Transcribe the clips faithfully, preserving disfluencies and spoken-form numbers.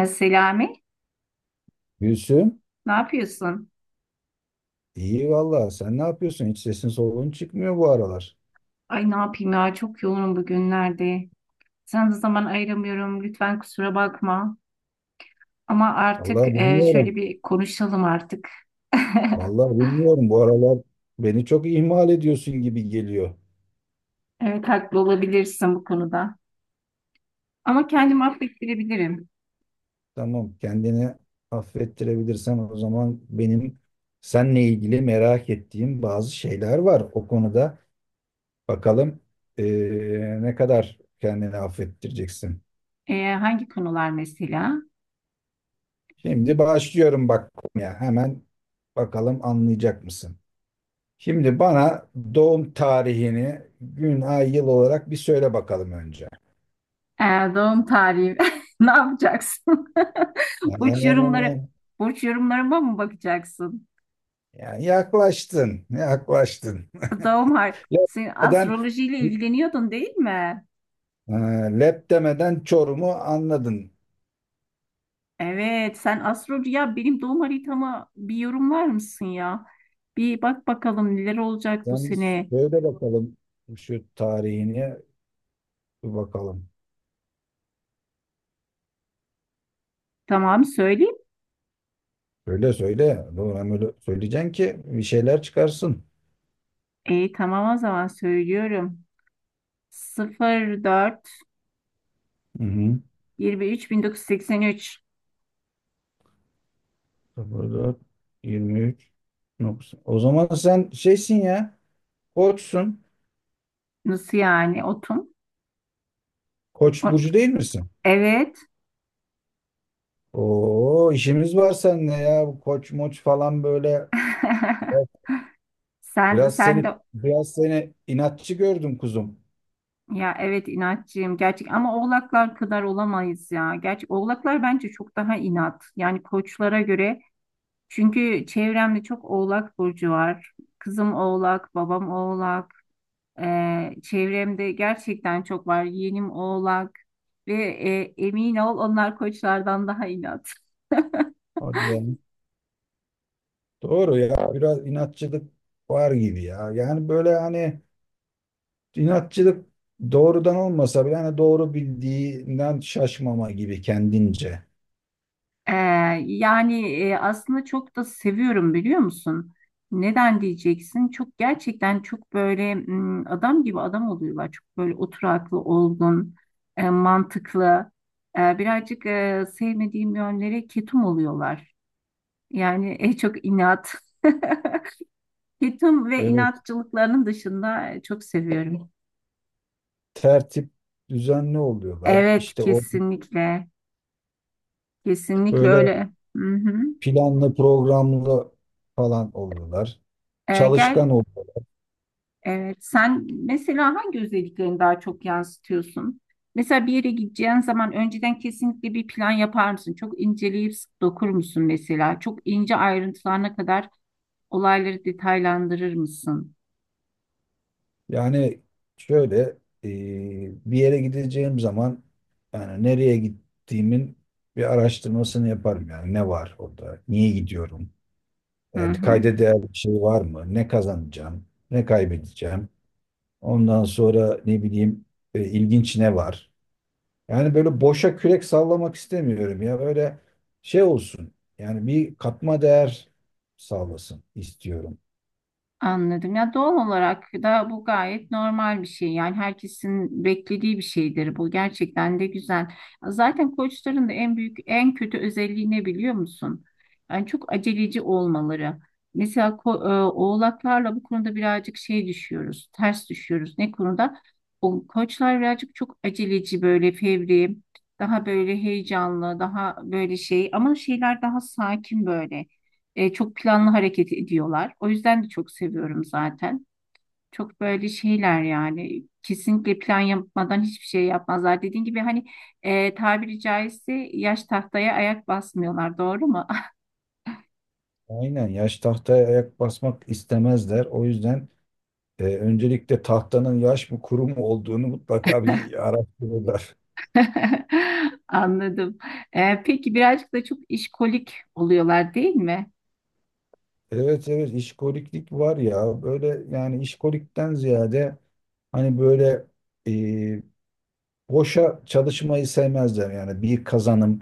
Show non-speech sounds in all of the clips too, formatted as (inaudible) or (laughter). E, Selami, Gülsüm, ne yapıyorsun? iyi vallahi. Sen ne yapıyorsun? Hiç sesin soluğun çıkmıyor bu aralar. Ay ne yapayım ya çok yoğunum bugünlerde. Sana da zaman ayıramıyorum. Lütfen kusura bakma. Ama artık Vallahi e, şöyle bilmiyorum. bir konuşalım artık. (laughs) Vallahi bilmiyorum. Bu aralar beni çok ihmal ediyorsun gibi geliyor. Evet haklı olabilirsin bu konuda. Ama kendimi affettirebilirim. Tamam, kendini affettirebilirsen o zaman benim seninle ilgili merak ettiğim bazı şeyler var. O konuda bakalım eee, ne kadar kendini affettireceksin. E, hangi konular mesela? Şimdi başlıyorum bak, ya hemen bakalım, anlayacak mısın? Şimdi bana doğum tarihini gün, ay, yıl olarak bir söyle bakalım önce. Ee, doğum tarihi (laughs) ne yapacaksın? (laughs) Burç Ee, yorumları burç yorumlarıma mı bakacaksın? Yani yaklaştın, yaklaştın. (laughs) Doğum har Lep sen demeden, astrolojiyle ilgileniyordun değil mi? e, Lep demeden Çorum'u anladın. Evet, sen astroloji ya benim doğum haritama bir yorumlar mısın ya? Bir bak bakalım neler olacak bu Sen bir sene. söyle bakalım şu tarihini, bir bakalım. Tamam söyleyeyim. Söyle, söyle. Doğru ama öyle söyleyeceksin ki bir şeyler çıkarsın. E, tamam o zaman söylüyorum. Hı hı. sıfır dört 23 üç sıfır dört, yirmi üç, doksan. O zaman sen şeysin ya, koçsun. nasıl yani otum? Koç O- burcu değil misin? Evet. Oo, işimiz var seninle ya. Bu koç moç falan, böyle (laughs) Sen biraz sen seni de biraz seni inatçı gördüm kuzum. ya evet inatçıyım gerçek ama oğlaklar kadar olamayız ya. Gerçi oğlaklar bence çok daha inat. Yani koçlara göre çünkü çevremde çok oğlak burcu var. Kızım oğlak, babam oğlak. Ee, çevremde gerçekten çok var. Yeğenim oğlak ve e, emin ol onlar koçlardan daha inat. (laughs) Hadi ya. Doğru ya. Biraz inatçılık var gibi ya. Yani böyle hani, inatçılık doğrudan olmasa bile, hani doğru bildiğinden şaşmama gibi kendince. Ee, yani e, aslında çok da seviyorum biliyor musun? Neden diyeceksin? Çok gerçekten çok böyle m, adam gibi adam oluyorlar. Çok böyle oturaklı, olgun, e, mantıklı. E, birazcık e, sevmediğim yönlere ketum oluyorlar. Yani en çok inat. (laughs) Ketum ve Evet. inatçılıklarının dışında e, çok seviyorum. Tertip düzenli oluyorlar. Evet, İşte o kesinlikle. Kesinlikle böyle öyle. Hı hı. planlı programlı falan oluyorlar. E, gel Çalışkan oluyorlar. evet, sen mesela hangi özelliklerini daha çok yansıtıyorsun? Mesela bir yere gideceğin zaman önceden kesinlikle bir plan yapar mısın? Çok inceleyip sık dokur musun mesela? Çok ince ayrıntılarına kadar olayları detaylandırır mısın? Yani şöyle, e, bir yere gideceğim zaman yani nereye gittiğimin bir araştırmasını yaparım. Yani ne var orada, niye gidiyorum, Hı yani hı. kayda değer bir şey var mı, ne kazanacağım, ne kaybedeceğim, ondan sonra ne bileyim e, ilginç ne var. Yani böyle boşa kürek sallamak istemiyorum ya, böyle şey olsun yani, bir katma değer sağlasın istiyorum. Anladım. Ya doğal olarak da bu gayet normal bir şey. Yani herkesin beklediği bir şeydir bu. Gerçekten de güzel. Zaten koçların da en büyük, en kötü özelliği ne biliyor musun? Yani çok aceleci olmaları. Mesela ko- e, oğlaklarla bu konuda birazcık şey düşüyoruz, ters düşüyoruz. Ne konuda? O koçlar birazcık çok aceleci böyle fevri, daha böyle heyecanlı, daha böyle şey ama şeyler daha sakin böyle. E, çok planlı hareket ediyorlar. O yüzden de çok seviyorum zaten. Çok böyle şeyler yani kesinlikle plan yapmadan hiçbir şey yapmazlar. Dediğin gibi hani e, tabiri caizse yaş tahtaya ayak basmıyorlar. Doğru mu? Aynen, yaş tahtaya ayak basmak istemezler o yüzden. Ee, öncelikle tahtanın yaş mı kuru mu olduğunu mutlaka bir araştırırlar. (laughs) Anladım. Ee, peki birazcık da çok işkolik oluyorlar değil mi? Evet, evet, işkoliklik var ya böyle. Yani işkolikten ziyade, hani böyle e, boşa çalışmayı sevmezler. Yani bir kazanım,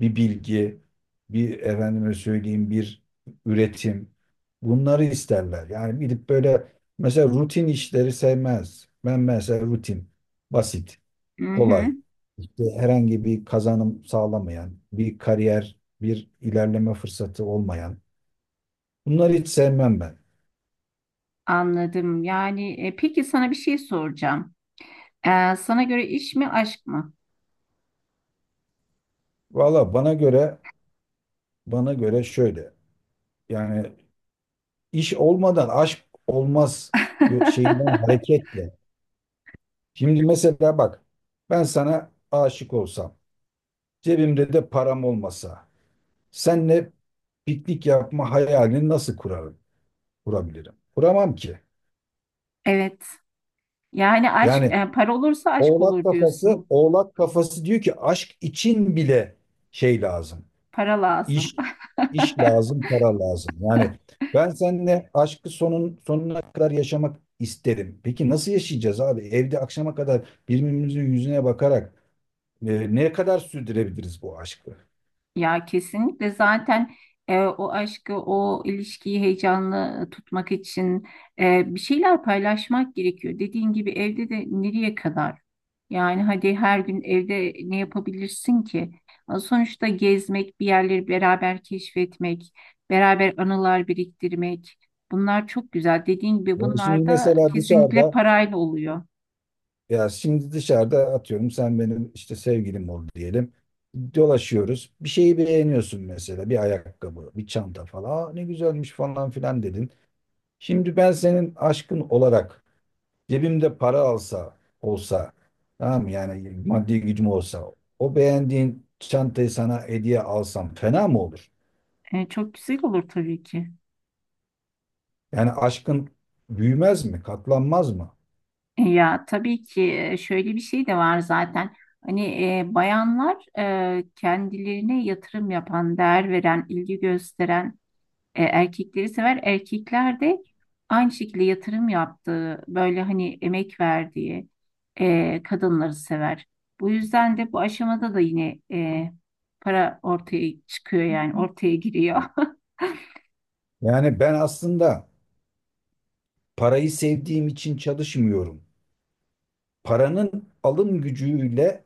bir bilgi, bir efendime söyleyeyim, bir üretim, bunları isterler. Yani gidip böyle mesela rutin işleri sevmez. Ben mesela rutin, basit, Hı hı, kolay, işte herhangi bir kazanım sağlamayan, bir kariyer, bir ilerleme fırsatı olmayan, bunları hiç sevmem ben. anladım. Yani e, peki sana bir şey soracağım. Ee, sana göre iş mi aşk mı? Valla bana göre bana göre şöyle. Yani iş olmadan aşk olmaz yo- şeyinden (laughs) hareketle. Şimdi mesela bak, ben sana aşık olsam, cebimde de param olmasa, senle piknik yapma hayalini nasıl kurarım, kurabilirim? Kuramam ki. Evet. Yani aşk, Yani e, para olursa aşk Oğlak olur kafası, diyorsun. oğlak kafası diyor ki aşk için bile şey lazım. Para lazım. İş, iş (laughs) lazım, para lazım. Yani ben seninle aşkı sonun, sonuna kadar yaşamak isterim. Peki nasıl yaşayacağız abi? Evde akşama kadar birbirimizin yüzüne bakarak e, ne kadar sürdürebiliriz bu aşkı? Ya kesinlikle zaten e, o aşkı, o ilişkiyi heyecanlı tutmak için e, bir şeyler paylaşmak gerekiyor. Dediğin gibi evde de nereye kadar? Yani hadi her gün evde ne yapabilirsin ki? Sonuçta gezmek, bir yerleri beraber keşfetmek, beraber anılar biriktirmek. Bunlar çok güzel. Dediğin gibi Yani şimdi bunlar da mesela kesinlikle dışarıda parayla oluyor. Ya şimdi dışarıda, atıyorum, sen benim işte sevgilim ol diyelim. Dolaşıyoruz. Bir şeyi beğeniyorsun mesela. Bir ayakkabı, bir çanta falan. Aa, ne güzelmiş falan filan dedin. Şimdi ben senin aşkın olarak cebimde para alsa, olsa, tamam mı? Yani maddi gücüm olsa o beğendiğin çantayı sana hediye alsam fena mı olur? E, çok güzel olur tabii ki. Yani aşkın büyümez mi? Katlanmaz mı? E, ya tabii ki e, şöyle bir şey de var zaten. Hani e, bayanlar e, kendilerine yatırım yapan, değer veren, ilgi gösteren e, erkekleri sever. Erkekler de aynı şekilde yatırım yaptığı, böyle hani emek verdiği e, kadınları sever. Bu yüzden de bu aşamada da yine e, para ortaya çıkıyor yani ortaya giriyor. Yani ben aslında parayı sevdiğim için çalışmıyorum. Paranın alım gücüyle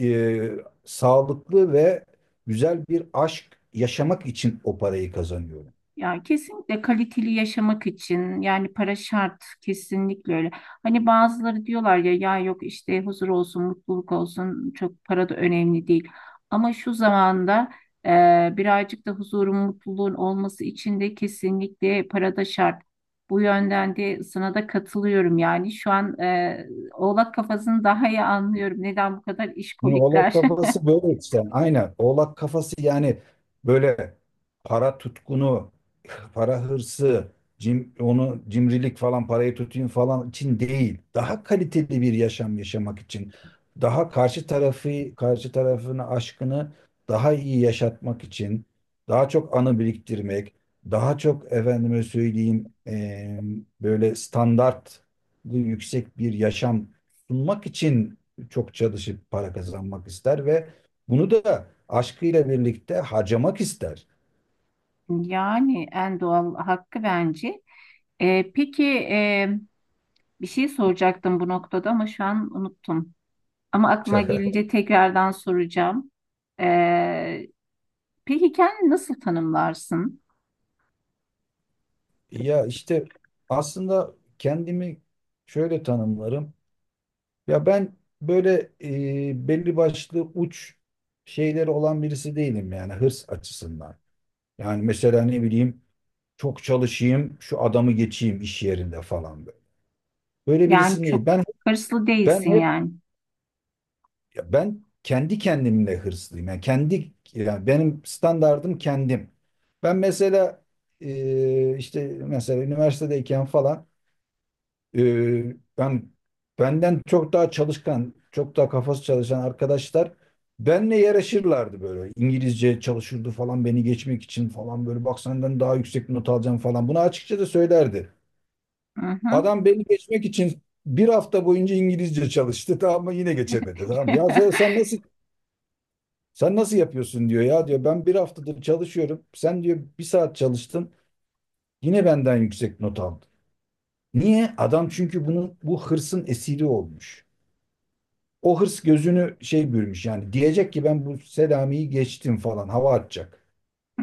e, sağlıklı ve güzel bir aşk yaşamak için o parayı kazanıyorum. Ya kesinlikle kaliteli yaşamak için yani para şart kesinlikle öyle. Hani bazıları diyorlar ya ya yok işte huzur olsun, mutluluk olsun çok para da önemli değil. Ama şu zamanda e, birazcık da huzurun, mutluluğun olması için de kesinlikle para da şart. Bu yönden de sana da katılıyorum yani şu an e, oğlak kafasını daha iyi anlıyorum. Neden bu kadar Şimdi oğlak işkolikler? (laughs) kafası böyle işte. Aynen. Oğlak kafası yani böyle para tutkunu, para hırsı, cim, onu cimrilik falan, parayı tutayım falan için değil. Daha kaliteli bir yaşam yaşamak için. Daha karşı tarafı, karşı tarafını, aşkını daha iyi yaşatmak için. Daha çok anı biriktirmek. Daha çok efendime söyleyeyim eee, böyle standart yüksek bir yaşam sunmak için çok çalışıp para kazanmak ister ve bunu da aşkıyla birlikte harcamak ister. Yani en doğal hakkı bence. E, peki e, Bir şey soracaktım bu noktada ama şu an unuttum. Ama aklıma (laughs) gelince tekrardan soracağım. Ee, peki kendini nasıl tanımlarsın? Ya işte aslında kendimi şöyle tanımlarım. Ya ben böyle e, belli başlı uç şeyleri olan birisi değilim yani, hırs açısından. Yani mesela ne bileyim, çok çalışayım, şu adamı geçeyim iş yerinde falan böyle. Böyle Yani birisi değil. çok Ben hırslı ben değilsin yani. Ya ben kendi kendimle hırslıyım. Yani kendi yani benim standardım kendim. Ben mesela e, işte mesela üniversitedeyken falan, e, ben benden çok daha çalışkan, çok daha kafası çalışan arkadaşlar benle yarışırlardı böyle. İngilizce çalışırdı falan beni geçmek için. Falan böyle, bak senden daha yüksek not alacağım falan. Bunu açıkça da söylerdi. Hı hı. Adam beni geçmek için bir hafta boyunca İngilizce çalıştı (laughs) tamam mı? Yine geçemedi tamam mı? Ya sen, (laughs) sen nasıl sen nasıl yapıyorsun diyor ya, diyor ben bir haftadır çalışıyorum. Sen diyor bir saat çalıştın, yine benden yüksek not aldın. Niye? Adam, çünkü bunun bu hırsın esiri olmuş. O hırs gözünü şey bürümüş yani, diyecek ki ben bu Selami'yi geçtim falan, hava atacak.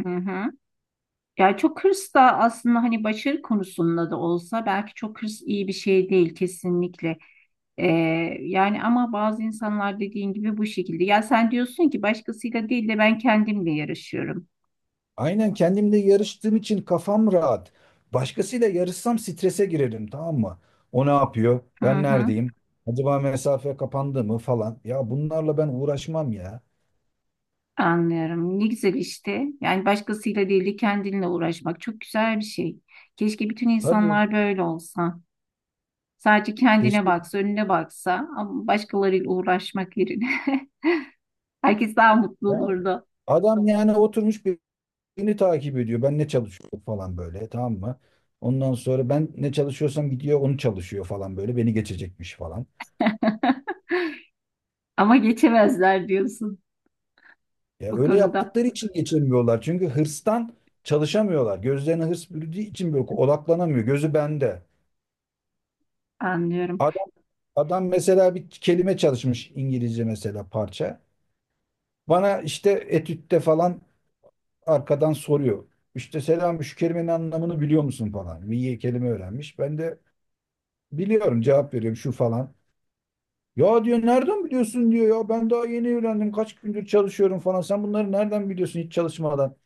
Hı hı. Ya çok hırs da aslında hani başarı konusunda da olsa belki çok hırs iyi bir şey değil kesinlikle. Ee, yani ama bazı insanlar dediğin gibi bu şekilde. Ya sen diyorsun ki başkasıyla değil de ben kendimle yarışıyorum. Aynen, kendimle yarıştığım için kafam rahat. Başkasıyla yarışsam strese girerim tamam mı? O ne yapıyor? Hı Ben hı, neredeyim? Acaba mesafe kapandı mı falan. Ya bunlarla ben uğraşmam ya. anlıyorum. Ne güzel işte. Yani başkasıyla değil de kendinle uğraşmak çok güzel bir şey. Keşke bütün Tabii. insanlar böyle olsa. Sadece kendine Keşke. baksa, önüne baksa ama başkalarıyla uğraşmak yerine (laughs) herkes daha mutlu Yani olurdu. adam yani oturmuş birini takip ediyor. Ben ne çalışıyorum falan böyle, tamam mı? Ondan sonra ben ne çalışıyorsam gidiyor onu çalışıyor falan böyle, beni geçecekmiş falan. (laughs) Ama geçemezler diyorsun Ya bu öyle konuda. yaptıkları için geçemiyorlar. Çünkü hırstan çalışamıyorlar. Gözlerine hırs bürüdüğü için böyle odaklanamıyor. Gözü bende. Anlıyorum. Adam, adam mesela bir kelime çalışmış İngilizce, mesela parça. Bana işte etütte falan arkadan soruyor. İşte selam, şu kelimenin anlamını biliyor musun falan. Bir kelime öğrenmiş. Ben de biliyorum, cevap veriyorum şu falan. Ya diyor nereden biliyorsun, diyor ya ben daha yeni evlendim, kaç gündür çalışıyorum falan. Sen bunları nereden biliyorsun hiç çalışmadan?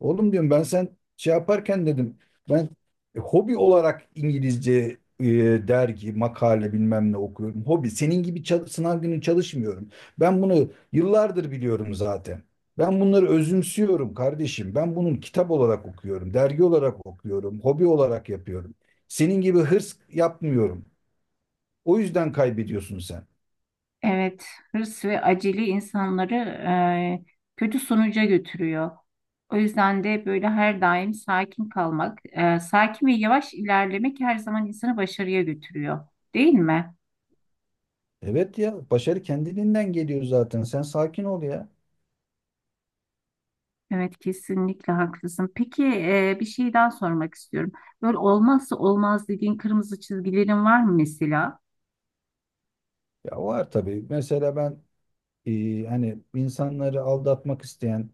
Oğlum diyorum, ben sen şey yaparken dedim, ben e, hobi olarak İngilizce e, dergi, makale, bilmem ne okuyorum. Hobi, senin gibi çal- sınav günü çalışmıyorum. Ben bunu yıllardır biliyorum zaten. Ben bunları özümsüyorum kardeşim. Ben bunun kitap olarak okuyorum, dergi olarak okuyorum, hobi olarak yapıyorum. Senin gibi hırs yapmıyorum. O yüzden kaybediyorsun sen. Evet, hırs ve acele insanları e, kötü sonuca götürüyor. O yüzden de böyle her daim sakin kalmak, e, sakin ve yavaş ilerlemek her zaman insanı başarıya götürüyor, değil mi? Evet, ya başarı kendiliğinden geliyor zaten. Sen sakin ol ya. Evet kesinlikle haklısın. Peki e, bir şey daha sormak istiyorum. Böyle olmazsa olmaz dediğin kırmızı çizgilerin var mı mesela? Ya var tabii. Mesela ben e, hani insanları aldatmak isteyen,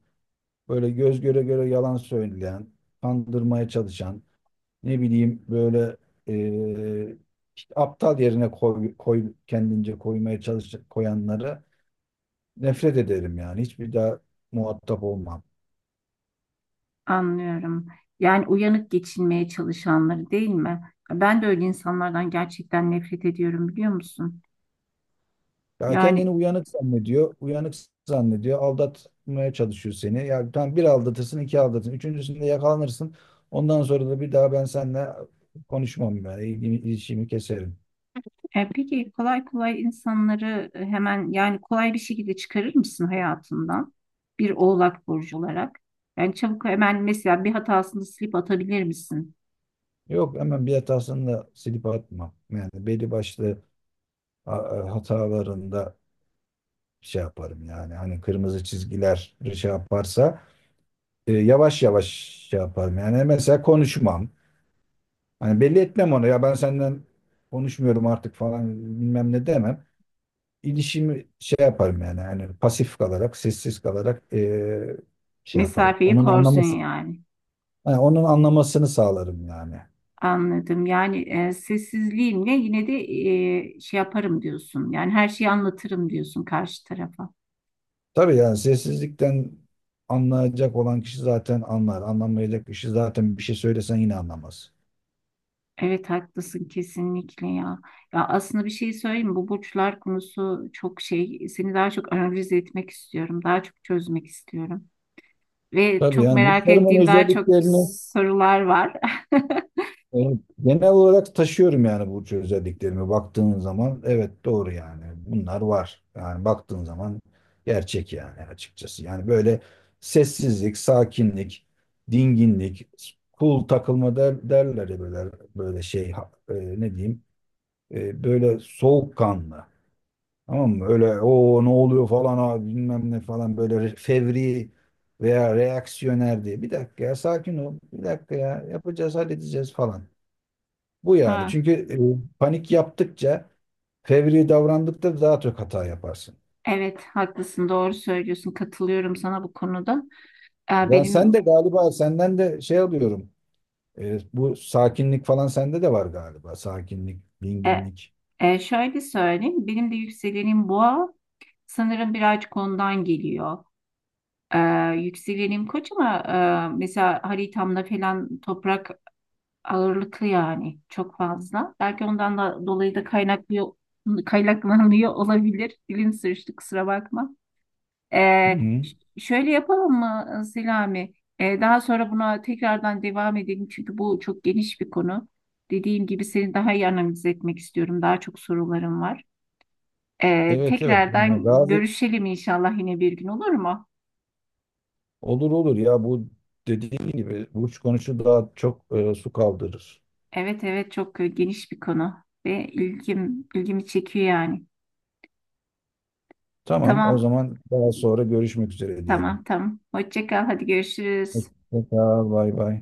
böyle göz göre göre yalan söyleyen, kandırmaya çalışan, ne bileyim böyle, e, işte aptal yerine koy, koy- kendince koymaya çalış, koyanlara nefret ederim yani. Hiçbir daha muhatap olmam. Anlıyorum. Yani uyanık geçinmeye çalışanları değil mi? Ben de öyle insanlardan gerçekten nefret ediyorum biliyor musun? Ya kendini Yani uyanık zannediyor. Uyanık zannediyor. Aldatmaya çalışıyor seni. Ya tamam, bir aldatırsın, iki aldatırsın. Üçüncüsünde yakalanırsın. Ondan sonra da bir daha ben seninle konuşmam yani. İlgimi, ilişkimi keserim. E, peki kolay kolay insanları e, hemen yani kolay bir şekilde çıkarır mısın hayatından bir oğlak burcu olarak? Yani çabuk hemen mesela bir hatasını silip atabilir misin? Yok, hemen bir hatasını da silip atmam. Yani belli başlı a- a- hatalarında şey yaparım yani. Hani kırmızı çizgiler şey yaparsa e, yavaş yavaş şey yaparım. Yani mesela konuşmam. Hani belli etmem onu. Ya ben senden konuşmuyorum artık falan, bilmem ne demem. İlişimi şey yaparım yani yani pasif kalarak, sessiz kalarak eee, şey yaparım. Mesafeyi Onun korsun anlaması yani. yani onun anlamasını sağlarım yani. Anladım. Yani e, sessizliğimle yine de e, şey yaparım diyorsun. Yani her şeyi anlatırım diyorsun karşı tarafa. Tabii, yani sessizlikten anlayacak olan kişi zaten anlar. Anlamayacak kişi zaten bir şey söylesen yine anlamaz. Evet haklısın kesinlikle ya. Ya aslında bir şey söyleyeyim mi? Bu burçlar konusu çok şey. Seni daha çok analiz etmek istiyorum. Daha çok çözmek istiyorum. Ve Tabii, çok yani merak burçlarımın ettiğim daha çok özelliklerini, sorular var. (laughs) evet, genel olarak taşıyorum yani. Burcu özelliklerimi baktığın zaman evet, doğru yani, bunlar var yani, baktığın zaman gerçek yani. Açıkçası yani böyle sessizlik, sakinlik, dinginlik, cool takılma der, derler ya, böyle böyle şey, ha- e, ne diyeyim, e, böyle soğukkanlı, tamam mı, öyle o ne oluyor falan abi, bilmem ne falan, böyle re- fevri veya reaksiyoner diye. Bir dakika ya, sakin ol, bir dakika ya, yapacağız, halledeceğiz falan. Bu yani. Ha, Çünkü e, panik yaptıkça, fevri davrandıkça daha çok hata yaparsın. evet haklısın doğru söylüyorsun. Katılıyorum sana bu konuda. E, Ben, sen de benim galiba, senden de şey alıyorum. E, bu sakinlik falan sende de var galiba. Sakinlik, dinginlik. E, şöyle söyleyeyim, benim de yükselenim boğa. Sanırım birazcık ondan geliyor. E, yükselenim koç ama e, mesela haritamda falan toprak ağırlıklı yani çok fazla. Belki ondan da dolayı da kaynaklı kaynaklanıyor (laughs) olabilir. Dilim sürçtü kusura bakma. E, Hı-hı. ş- şöyle yapalım mı Selami? E, daha sonra buna tekrardan devam edelim çünkü bu çok geniş bir konu. Dediğim gibi seni daha iyi analiz etmek istiyorum. Daha çok sorularım var. Ee, Evet, evet. Yani tekrardan razı görüşelim inşallah yine bir gün olur mu? olur, olur ya bu, dediğin gibi uç konuşu daha çok e, su kaldırır. Evet evet çok e, geniş bir konu ve ilgim ilgimi çekiyor yani. Tamam, o Tamam zaman daha sonra görüşmek üzere diyelim. tamam tamam. Hoşça kal hadi görüşürüz. Hoşça kal, bay bay.